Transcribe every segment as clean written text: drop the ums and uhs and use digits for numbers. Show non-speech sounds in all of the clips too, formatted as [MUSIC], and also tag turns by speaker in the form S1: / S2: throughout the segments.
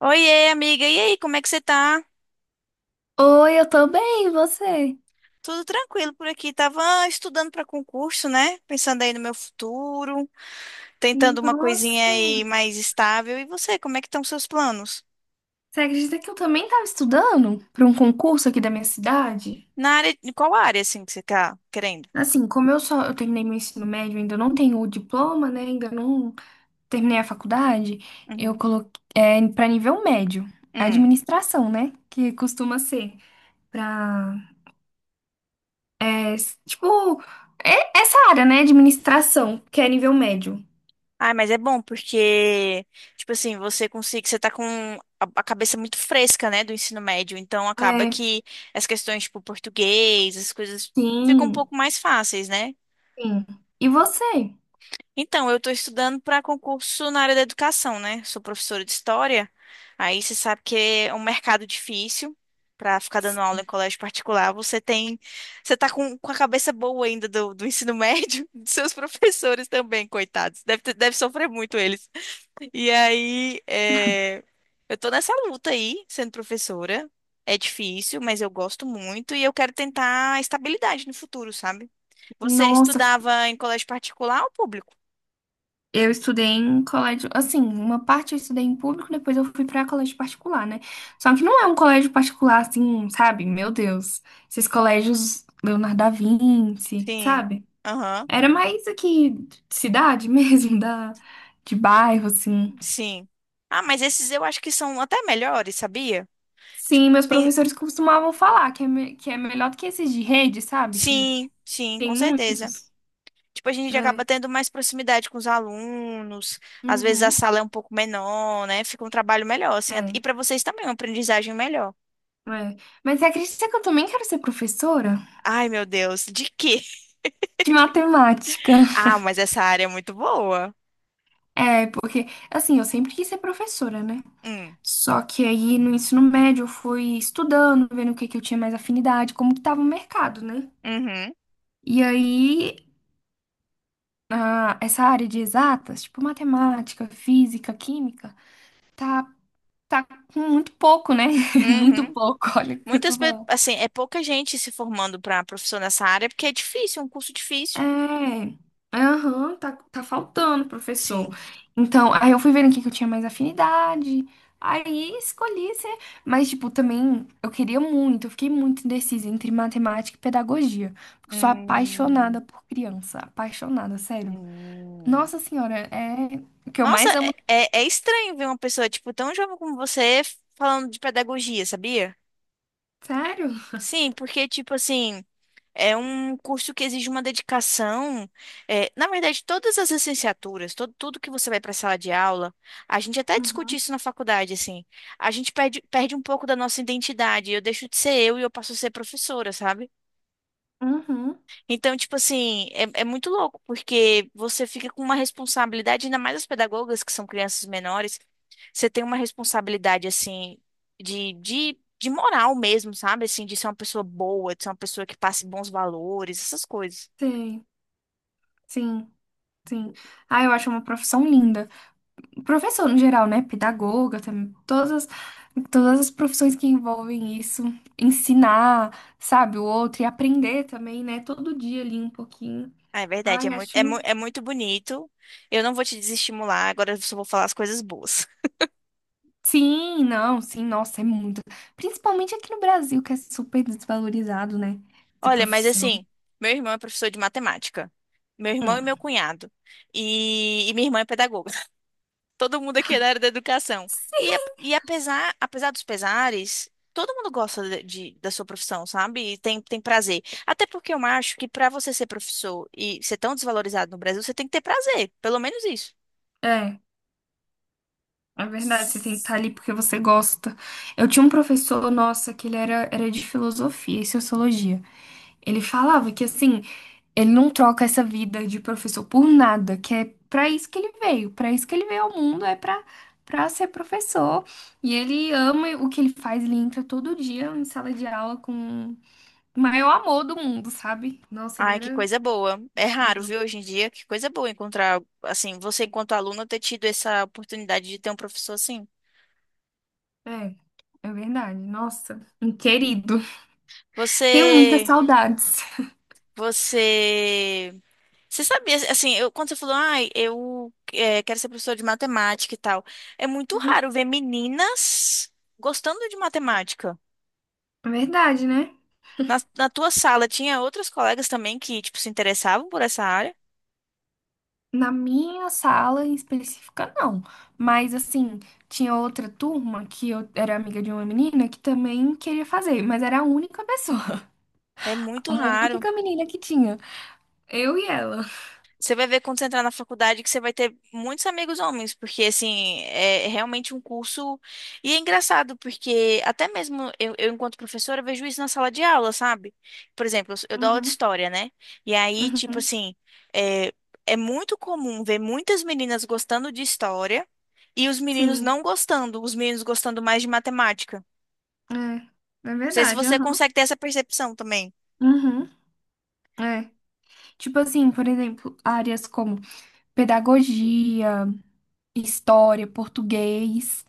S1: Oiê, amiga. E aí, como é que você tá?
S2: Oi, eu tô bem, e você?
S1: Tudo tranquilo por aqui. Tava estudando para concurso, né? Pensando aí no meu futuro, tentando uma coisinha
S2: Nossa!
S1: aí mais estável. E você, como é que estão seus planos?
S2: Você acredita que eu também tava estudando para um concurso aqui da minha cidade?
S1: Na área, em qual área assim que você tá querendo?
S2: Assim, como eu terminei meu ensino médio, ainda não tenho o diploma, né? Ainda não terminei a faculdade. Eu
S1: Uhum.
S2: coloquei para nível médio,
S1: Hum.
S2: administração, né? Que costuma ser para tipo essa área, né? Administração, que é nível médio.
S1: Ai, mas é bom porque, tipo assim, você consegue, você tá com a cabeça muito fresca, né, do ensino médio, então acaba
S2: É,
S1: que as questões, tipo, português, as coisas ficam um
S2: sim,
S1: pouco mais fáceis, né?
S2: sim. E você?
S1: Então, eu estou estudando para concurso na área da educação, né? Sou professora de história. Aí você sabe que é um mercado difícil para ficar dando aula em colégio particular. Você tem, você tá com a cabeça boa ainda do, do ensino médio, [LAUGHS] dos seus professores também, coitados. Deve, deve sofrer muito eles. E aí, eu estou nessa luta aí, sendo professora. É difícil, mas eu gosto muito e eu quero tentar estabilidade no futuro, sabe? Você
S2: Nossa,
S1: estudava em colégio particular ou público?
S2: eu estudei em colégio, assim, uma parte eu estudei em público, depois eu fui pra colégio particular, né? Só que não é um colégio particular assim, sabe? Meu Deus. Esses colégios Leonardo da Vinci,
S1: Sim.
S2: sabe?
S1: Aham.
S2: Era mais aqui de cidade mesmo, [LAUGHS] da de bairro assim.
S1: Sim. Ah, mas esses eu acho que são até melhores, sabia?
S2: Sim,
S1: Tipo,
S2: meus
S1: tem-
S2: professores costumavam falar que é melhor do que esses de rede, sabe? Que
S1: sim, sim,
S2: tem
S1: com certeza.
S2: muitos.
S1: Tipo, a gente acaba
S2: É.
S1: tendo mais proximidade com os alunos. Às vezes a
S2: Uhum.
S1: sala é um pouco menor, né? Fica um trabalho melhor, assim.
S2: É.
S1: E para vocês também, é uma aprendizagem melhor.
S2: É. Mas você acredita que eu também quero ser professora
S1: Ai, meu Deus, de quê? [LAUGHS]
S2: de matemática?
S1: Ah, mas essa área é muito boa.
S2: É, porque, assim, eu sempre quis ser professora, né?
S1: Hum.
S2: Só que aí no ensino médio eu fui estudando, vendo o que que eu tinha mais afinidade, como que tava o mercado, né?
S1: Uhum.
S2: E aí, ah, essa área de exatas, tipo matemática, física, química, tá, tá com muito pouco, né? [LAUGHS] Muito
S1: Uhum.
S2: pouco, olha o que eu tô falando.
S1: Assim, é pouca gente se formando para professor nessa área porque é difícil, é um curso difícil.
S2: É, aham, tá faltando, professor.
S1: Sim.
S2: Então, aí eu fui vendo aqui que eu tinha mais afinidade. Aí escolhi ser. Mas, tipo, também eu queria muito, eu fiquei muito indecisa entre matemática e pedagogia. Sou apaixonada
S1: Hum.
S2: por criança. Apaixonada, sério.
S1: Hum.
S2: Nossa senhora, é o que eu
S1: Nossa,
S2: mais amo.
S1: é estranho ver uma pessoa, tipo, tão jovem como você falando de pedagogia, sabia?
S2: Sério?
S1: Sim, porque, tipo assim, é um curso que exige uma dedicação. É, na verdade, todas as licenciaturas, todo, tudo que você vai para a sala de aula, a gente até discute
S2: Uhum.
S1: isso na faculdade, assim. A gente perde um pouco da nossa identidade. Eu deixo de ser eu e eu passo a ser professora, sabe?
S2: Uhum.
S1: Então, tipo assim, é muito louco, porque você fica com uma responsabilidade, ainda mais as pedagogas, que são crianças menores, você tem uma responsabilidade, assim, de moral mesmo, sabe? Assim, de ser uma pessoa boa, de ser uma pessoa que passe bons valores, essas coisas.
S2: Sim, sim, sim. Ah, eu acho uma profissão linda. Professor no geral, né? Pedagoga, também, todas, todas as profissões que envolvem isso. Ensinar, sabe, o outro e aprender também, né? Todo dia ali um pouquinho.
S1: Ah, é verdade,
S2: Ai,
S1: é muito,
S2: acho.
S1: é muito bonito. Eu não vou te desestimular, agora eu só vou falar as coisas boas.
S2: Sim, não, sim, nossa, é muito. Principalmente aqui no Brasil, que é super desvalorizado, né?
S1: [LAUGHS]
S2: Essa
S1: Olha, mas
S2: profissão.
S1: assim, meu irmão é professor de matemática. Meu irmão e
S2: Hum.
S1: meu cunhado. Minha irmã é pedagoga. Todo mundo aqui é da área da educação. E,
S2: Sim,
S1: apesar, apesar dos pesares, todo mundo gosta da sua profissão, sabe? E tem, tem prazer. Até porque eu acho que para você ser professor e ser tão desvalorizado no Brasil, você tem que ter prazer, pelo menos isso.
S2: é. É verdade, você tem que estar ali porque você gosta. Eu tinha um professor, nossa, que ele era de filosofia e sociologia. Ele falava que, assim, ele não troca essa vida de professor por nada, que é pra isso que ele veio, pra isso que ele veio ao mundo, é pra ser professor. E ele ama o que ele faz, ele entra todo dia em sala de aula com o maior amor do mundo, sabe? Nossa, ele
S1: Ai, que
S2: era
S1: coisa boa. É raro,
S2: incrível.
S1: viu, hoje em dia? Que coisa boa encontrar, assim, você enquanto aluna ter tido essa oportunidade de ter um professor assim.
S2: É, é verdade. Nossa, um querido. Tenho muitas
S1: Você,
S2: saudades.
S1: você Você sabia, assim, eu, quando você falou, ai, quero ser professora de matemática e tal, é muito raro ver meninas gostando de matemática.
S2: Verdade, né?
S1: Na tua sala tinha outras colegas também que, tipo, se interessavam por essa área?
S2: Na minha sala em específica, não. Mas, assim, tinha outra turma que eu era amiga de uma menina que também queria fazer, mas era a única pessoa,
S1: É
S2: [LAUGHS]
S1: muito
S2: uma
S1: raro.
S2: única menina que tinha. Eu e ela.
S1: Você vai ver quando você entrar na faculdade que você vai ter muitos amigos homens, porque assim, é realmente um curso. E é engraçado, porque até mesmo eu enquanto professora, vejo isso na sala de aula, sabe? Por exemplo, eu dou aula de
S2: Uhum,
S1: história, né? E aí, tipo
S2: uhum.
S1: assim, é, é muito comum ver muitas meninas gostando de história e os meninos
S2: Sim,
S1: não gostando, os meninos gostando mais de matemática.
S2: é. É
S1: Não sei se
S2: verdade,
S1: você
S2: aham.
S1: consegue ter essa percepção também.
S2: Uhum, é. Tipo assim, por exemplo, áreas como pedagogia, história, português.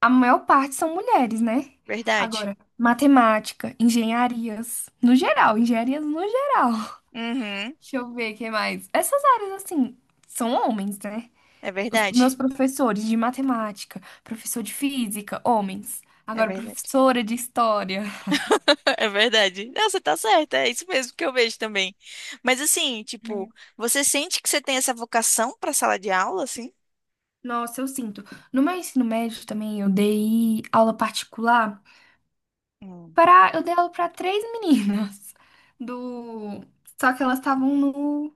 S2: A maior parte são mulheres, né?
S1: Verdade?
S2: Agora, matemática, engenharias, no geral, engenharias no geral. [LAUGHS]
S1: Uhum,
S2: Deixa eu ver o que mais. Essas áreas, assim, são homens, né?
S1: é
S2: Os meus
S1: verdade.
S2: professores de matemática, professor de física, homens.
S1: É
S2: Agora,
S1: verdade.
S2: professora de história.
S1: [LAUGHS] É verdade. Não, você tá certa, é isso mesmo que eu vejo também. Mas assim, tipo, você sente que você tem essa vocação pra sala de aula, assim?
S2: Nossa, eu sinto. No meu ensino médio também, eu dei aula particular
S1: Hum.
S2: para, eu dei aula para três meninas do, só que elas estavam no.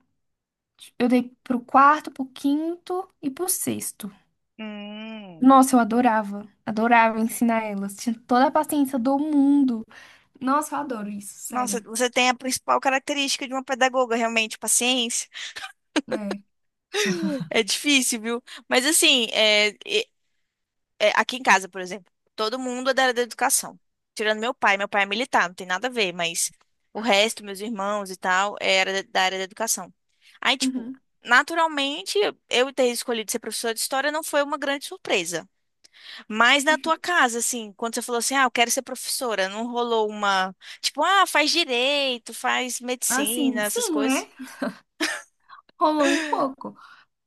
S2: Eu dei pro quarto, pro quinto e pro sexto.
S1: Hum.
S2: Nossa, eu adorava. Adorava ensinar elas. Tinha toda a paciência do mundo. Nossa, eu adoro isso,
S1: Nossa,
S2: sério.
S1: você tem a principal característica de uma pedagoga, realmente, paciência.
S2: É.
S1: É difícil, viu? Mas assim, aqui em casa, por exemplo, todo mundo é da área da educação. Tirando meu pai é militar, não tem nada a ver, mas o resto, meus irmãos e tal, era da área da educação. Aí, tipo,
S2: Uhum.
S1: naturalmente, eu ter escolhido ser professora de história não foi uma grande surpresa. Mas na tua
S2: Ju-
S1: casa, assim, quando você falou assim, ah, eu quero ser professora, não rolou uma, tipo, ah, faz direito, faz
S2: Assim,
S1: medicina, essas
S2: sim,
S1: coisas?
S2: né? Rolou um pouco.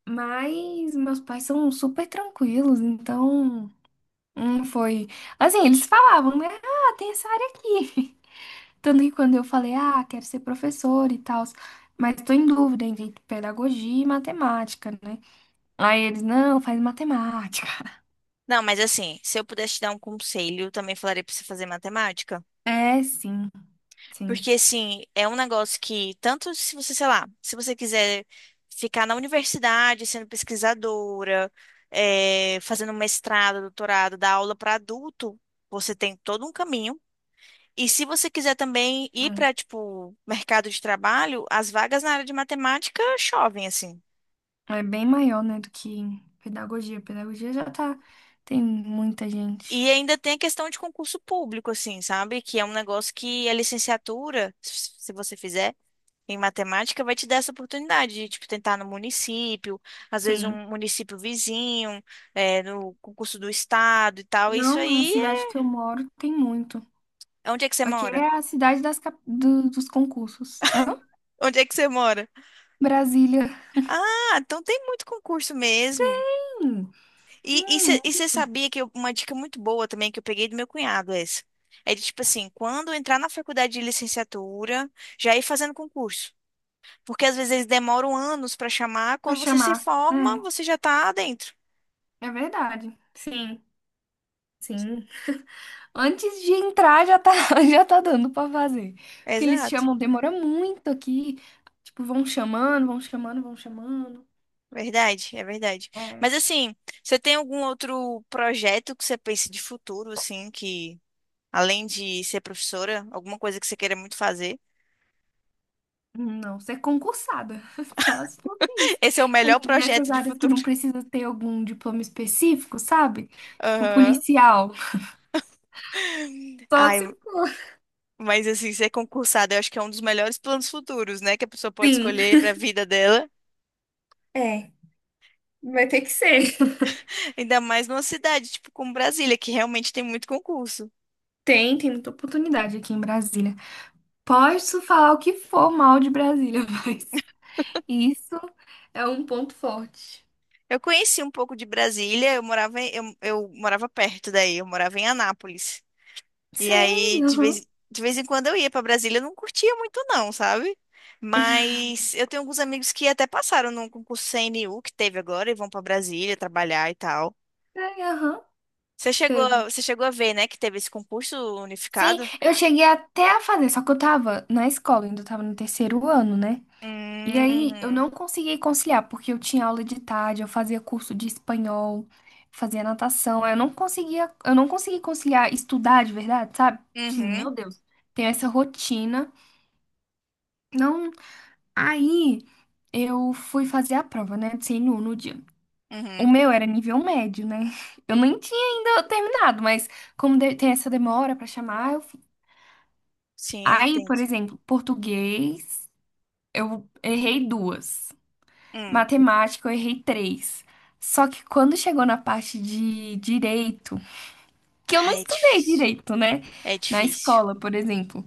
S2: Mas meus pais são super tranquilos, então. Não foi. Assim, eles falavam, né? Ah, tem essa área aqui. [LAUGHS] Tanto que quando eu falei, ah, quero ser professora e tal. Mas tô em dúvida entre pedagogia e matemática, né? Aí eles, não, faz matemática.
S1: Não, mas assim, se eu pudesse te dar um conselho, eu também falaria pra você fazer matemática.
S2: É, sim, sim.
S1: Porque, assim, é um negócio que, tanto se você, sei lá, se você quiser ficar na universidade sendo pesquisadora, fazendo mestrado, doutorado, dar aula para adulto, você tem todo um caminho. E se você quiser também ir para, tipo, mercado de trabalho, as vagas na área de matemática chovem, assim.
S2: É, é bem maior, né, do que pedagogia. Pedagogia já tá, tem muita gente.
S1: E ainda tem a questão de concurso público, assim, sabe? Que é um negócio que a licenciatura, se você fizer, em matemática vai te dar essa oportunidade de, tipo, tentar no município, às vezes
S2: Sim.
S1: um município vizinho, no concurso do estado e tal. Isso
S2: Não, na
S1: aí
S2: cidade
S1: é...
S2: que eu moro tem muito.
S1: Onde é que você
S2: Aqui
S1: mora?
S2: é a cidade dos concursos. Hã?
S1: Onde é que você mora?
S2: Brasília.
S1: Ah, então tem muito concurso mesmo.
S2: Hum,
S1: E e
S2: hum,
S1: você sabia que uma dica muito boa também que eu peguei do meu cunhado é essa. É de tipo assim, quando entrar na faculdade de licenciatura, já ir fazendo concurso. Porque às vezes eles demoram anos para chamar,
S2: pra
S1: quando você se
S2: chamar.
S1: forma, você já tá dentro.
S2: É, é verdade. Sim, sim. Antes de entrar já tá, [LAUGHS] já tá dando pra fazer. Porque eles
S1: Exato.
S2: chamam, demora muito aqui. Tipo, vão chamando, vão chamando, vão chamando.
S1: Verdade, é verdade. Mas
S2: É,
S1: assim, você tem algum outro projeto que você pense de futuro, assim, que além de ser professora, alguma coisa que você queira muito fazer?
S2: não, você é concursada. [LAUGHS] Só se for isso.
S1: [LAUGHS] Esse é o
S2: Aí,
S1: melhor
S2: nessas
S1: projeto de
S2: áreas que
S1: futuro.
S2: não precisa ter algum diploma específico, sabe?
S1: [LAUGHS]
S2: Tipo,
S1: Aham.
S2: policial. [LAUGHS] Só
S1: Ai,
S2: se for.
S1: mas assim, ser concursada, eu acho que é um dos melhores planos futuros, né, que a pessoa pode
S2: Sim.
S1: escolher para a vida dela.
S2: É, vai ter que ser.
S1: [LAUGHS] Ainda mais numa cidade tipo como Brasília, que realmente tem muito concurso.
S2: Tem muita oportunidade aqui em Brasília. Posso falar o que for mal de Brasília, [LAUGHS] mas isso é um ponto forte.
S1: Eu conheci um pouco de Brasília, eu morava eu morava perto daí, eu morava em Anápolis. E aí,
S2: Sei, aham.
S1: de vez em quando eu ia pra Brasília, eu não curtia muito não, sabe? Mas eu tenho alguns amigos que até passaram num concurso CNU que teve agora e vão pra Brasília trabalhar e tal.
S2: É, aham.
S1: Você chegou,
S2: Teve.
S1: você chegou a ver, né, que teve esse concurso
S2: Sim,
S1: unificado?
S2: eu cheguei até a fazer, só que eu tava na escola, ainda eu tava no terceiro ano, né? E aí eu
S1: Hum,
S2: não consegui conciliar, porque eu tinha aula de tarde, eu fazia curso de espanhol, fazia natação. Aí eu não consegui conciliar estudar de verdade, sabe? Sim, meu
S1: uhum,
S2: Deus. Tem essa rotina. Não, aí eu fui fazer a prova, né? De CNU no dia. O
S1: uhum.
S2: meu era nível médio, né? [LAUGHS] Eu nem tinha ainda terminado, mas como tem essa demora pra chamar, eu.
S1: Sim, eu
S2: Aí,
S1: entendo.
S2: por exemplo, português, eu errei duas.
S1: Hum.
S2: Matemática, eu errei três. Só que quando chegou na parte de direito, que eu não
S1: Ah, é
S2: estudei
S1: difícil.
S2: direito, né?
S1: É
S2: Na
S1: difícil.
S2: escola, por exemplo.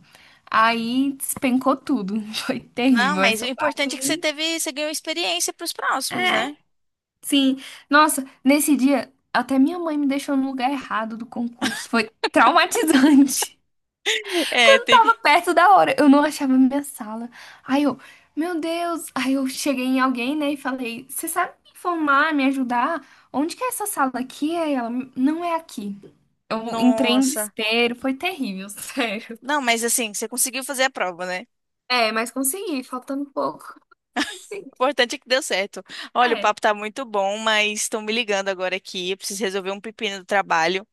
S2: Aí despencou tudo. [LAUGHS] Foi
S1: Não,
S2: terrível
S1: mas o
S2: essa parte
S1: importante é que você
S2: aí.
S1: teve, você ganhou experiência pros próximos, né?
S2: Sim, nossa, nesse dia até minha mãe me deixou no lugar errado do concurso. Foi traumatizante.
S1: [LAUGHS]
S2: [LAUGHS]
S1: É,
S2: Quando
S1: tem
S2: tava
S1: que...
S2: perto da hora, eu não achava minha sala. Aí eu, meu Deus, aí eu cheguei em alguém, né, e falei: "Você sabe me informar, me ajudar? Onde que é essa sala aqui?" Aí ela, não é aqui. Eu entrei em
S1: Nossa.
S2: desespero, foi terrível, [LAUGHS] sério.
S1: Não, mas assim, você conseguiu fazer a prova, né?
S2: É, mas consegui, faltando pouco.
S1: Importante é que deu certo. Olha, o
S2: É,
S1: papo tá muito bom, mas estão me ligando agora aqui. Eu preciso resolver um pepino do trabalho.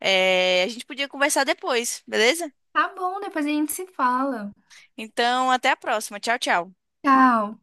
S1: É, a gente podia conversar depois, beleza?
S2: tá bom, depois a gente se fala.
S1: Então, até a próxima. Tchau, tchau.
S2: Tchau.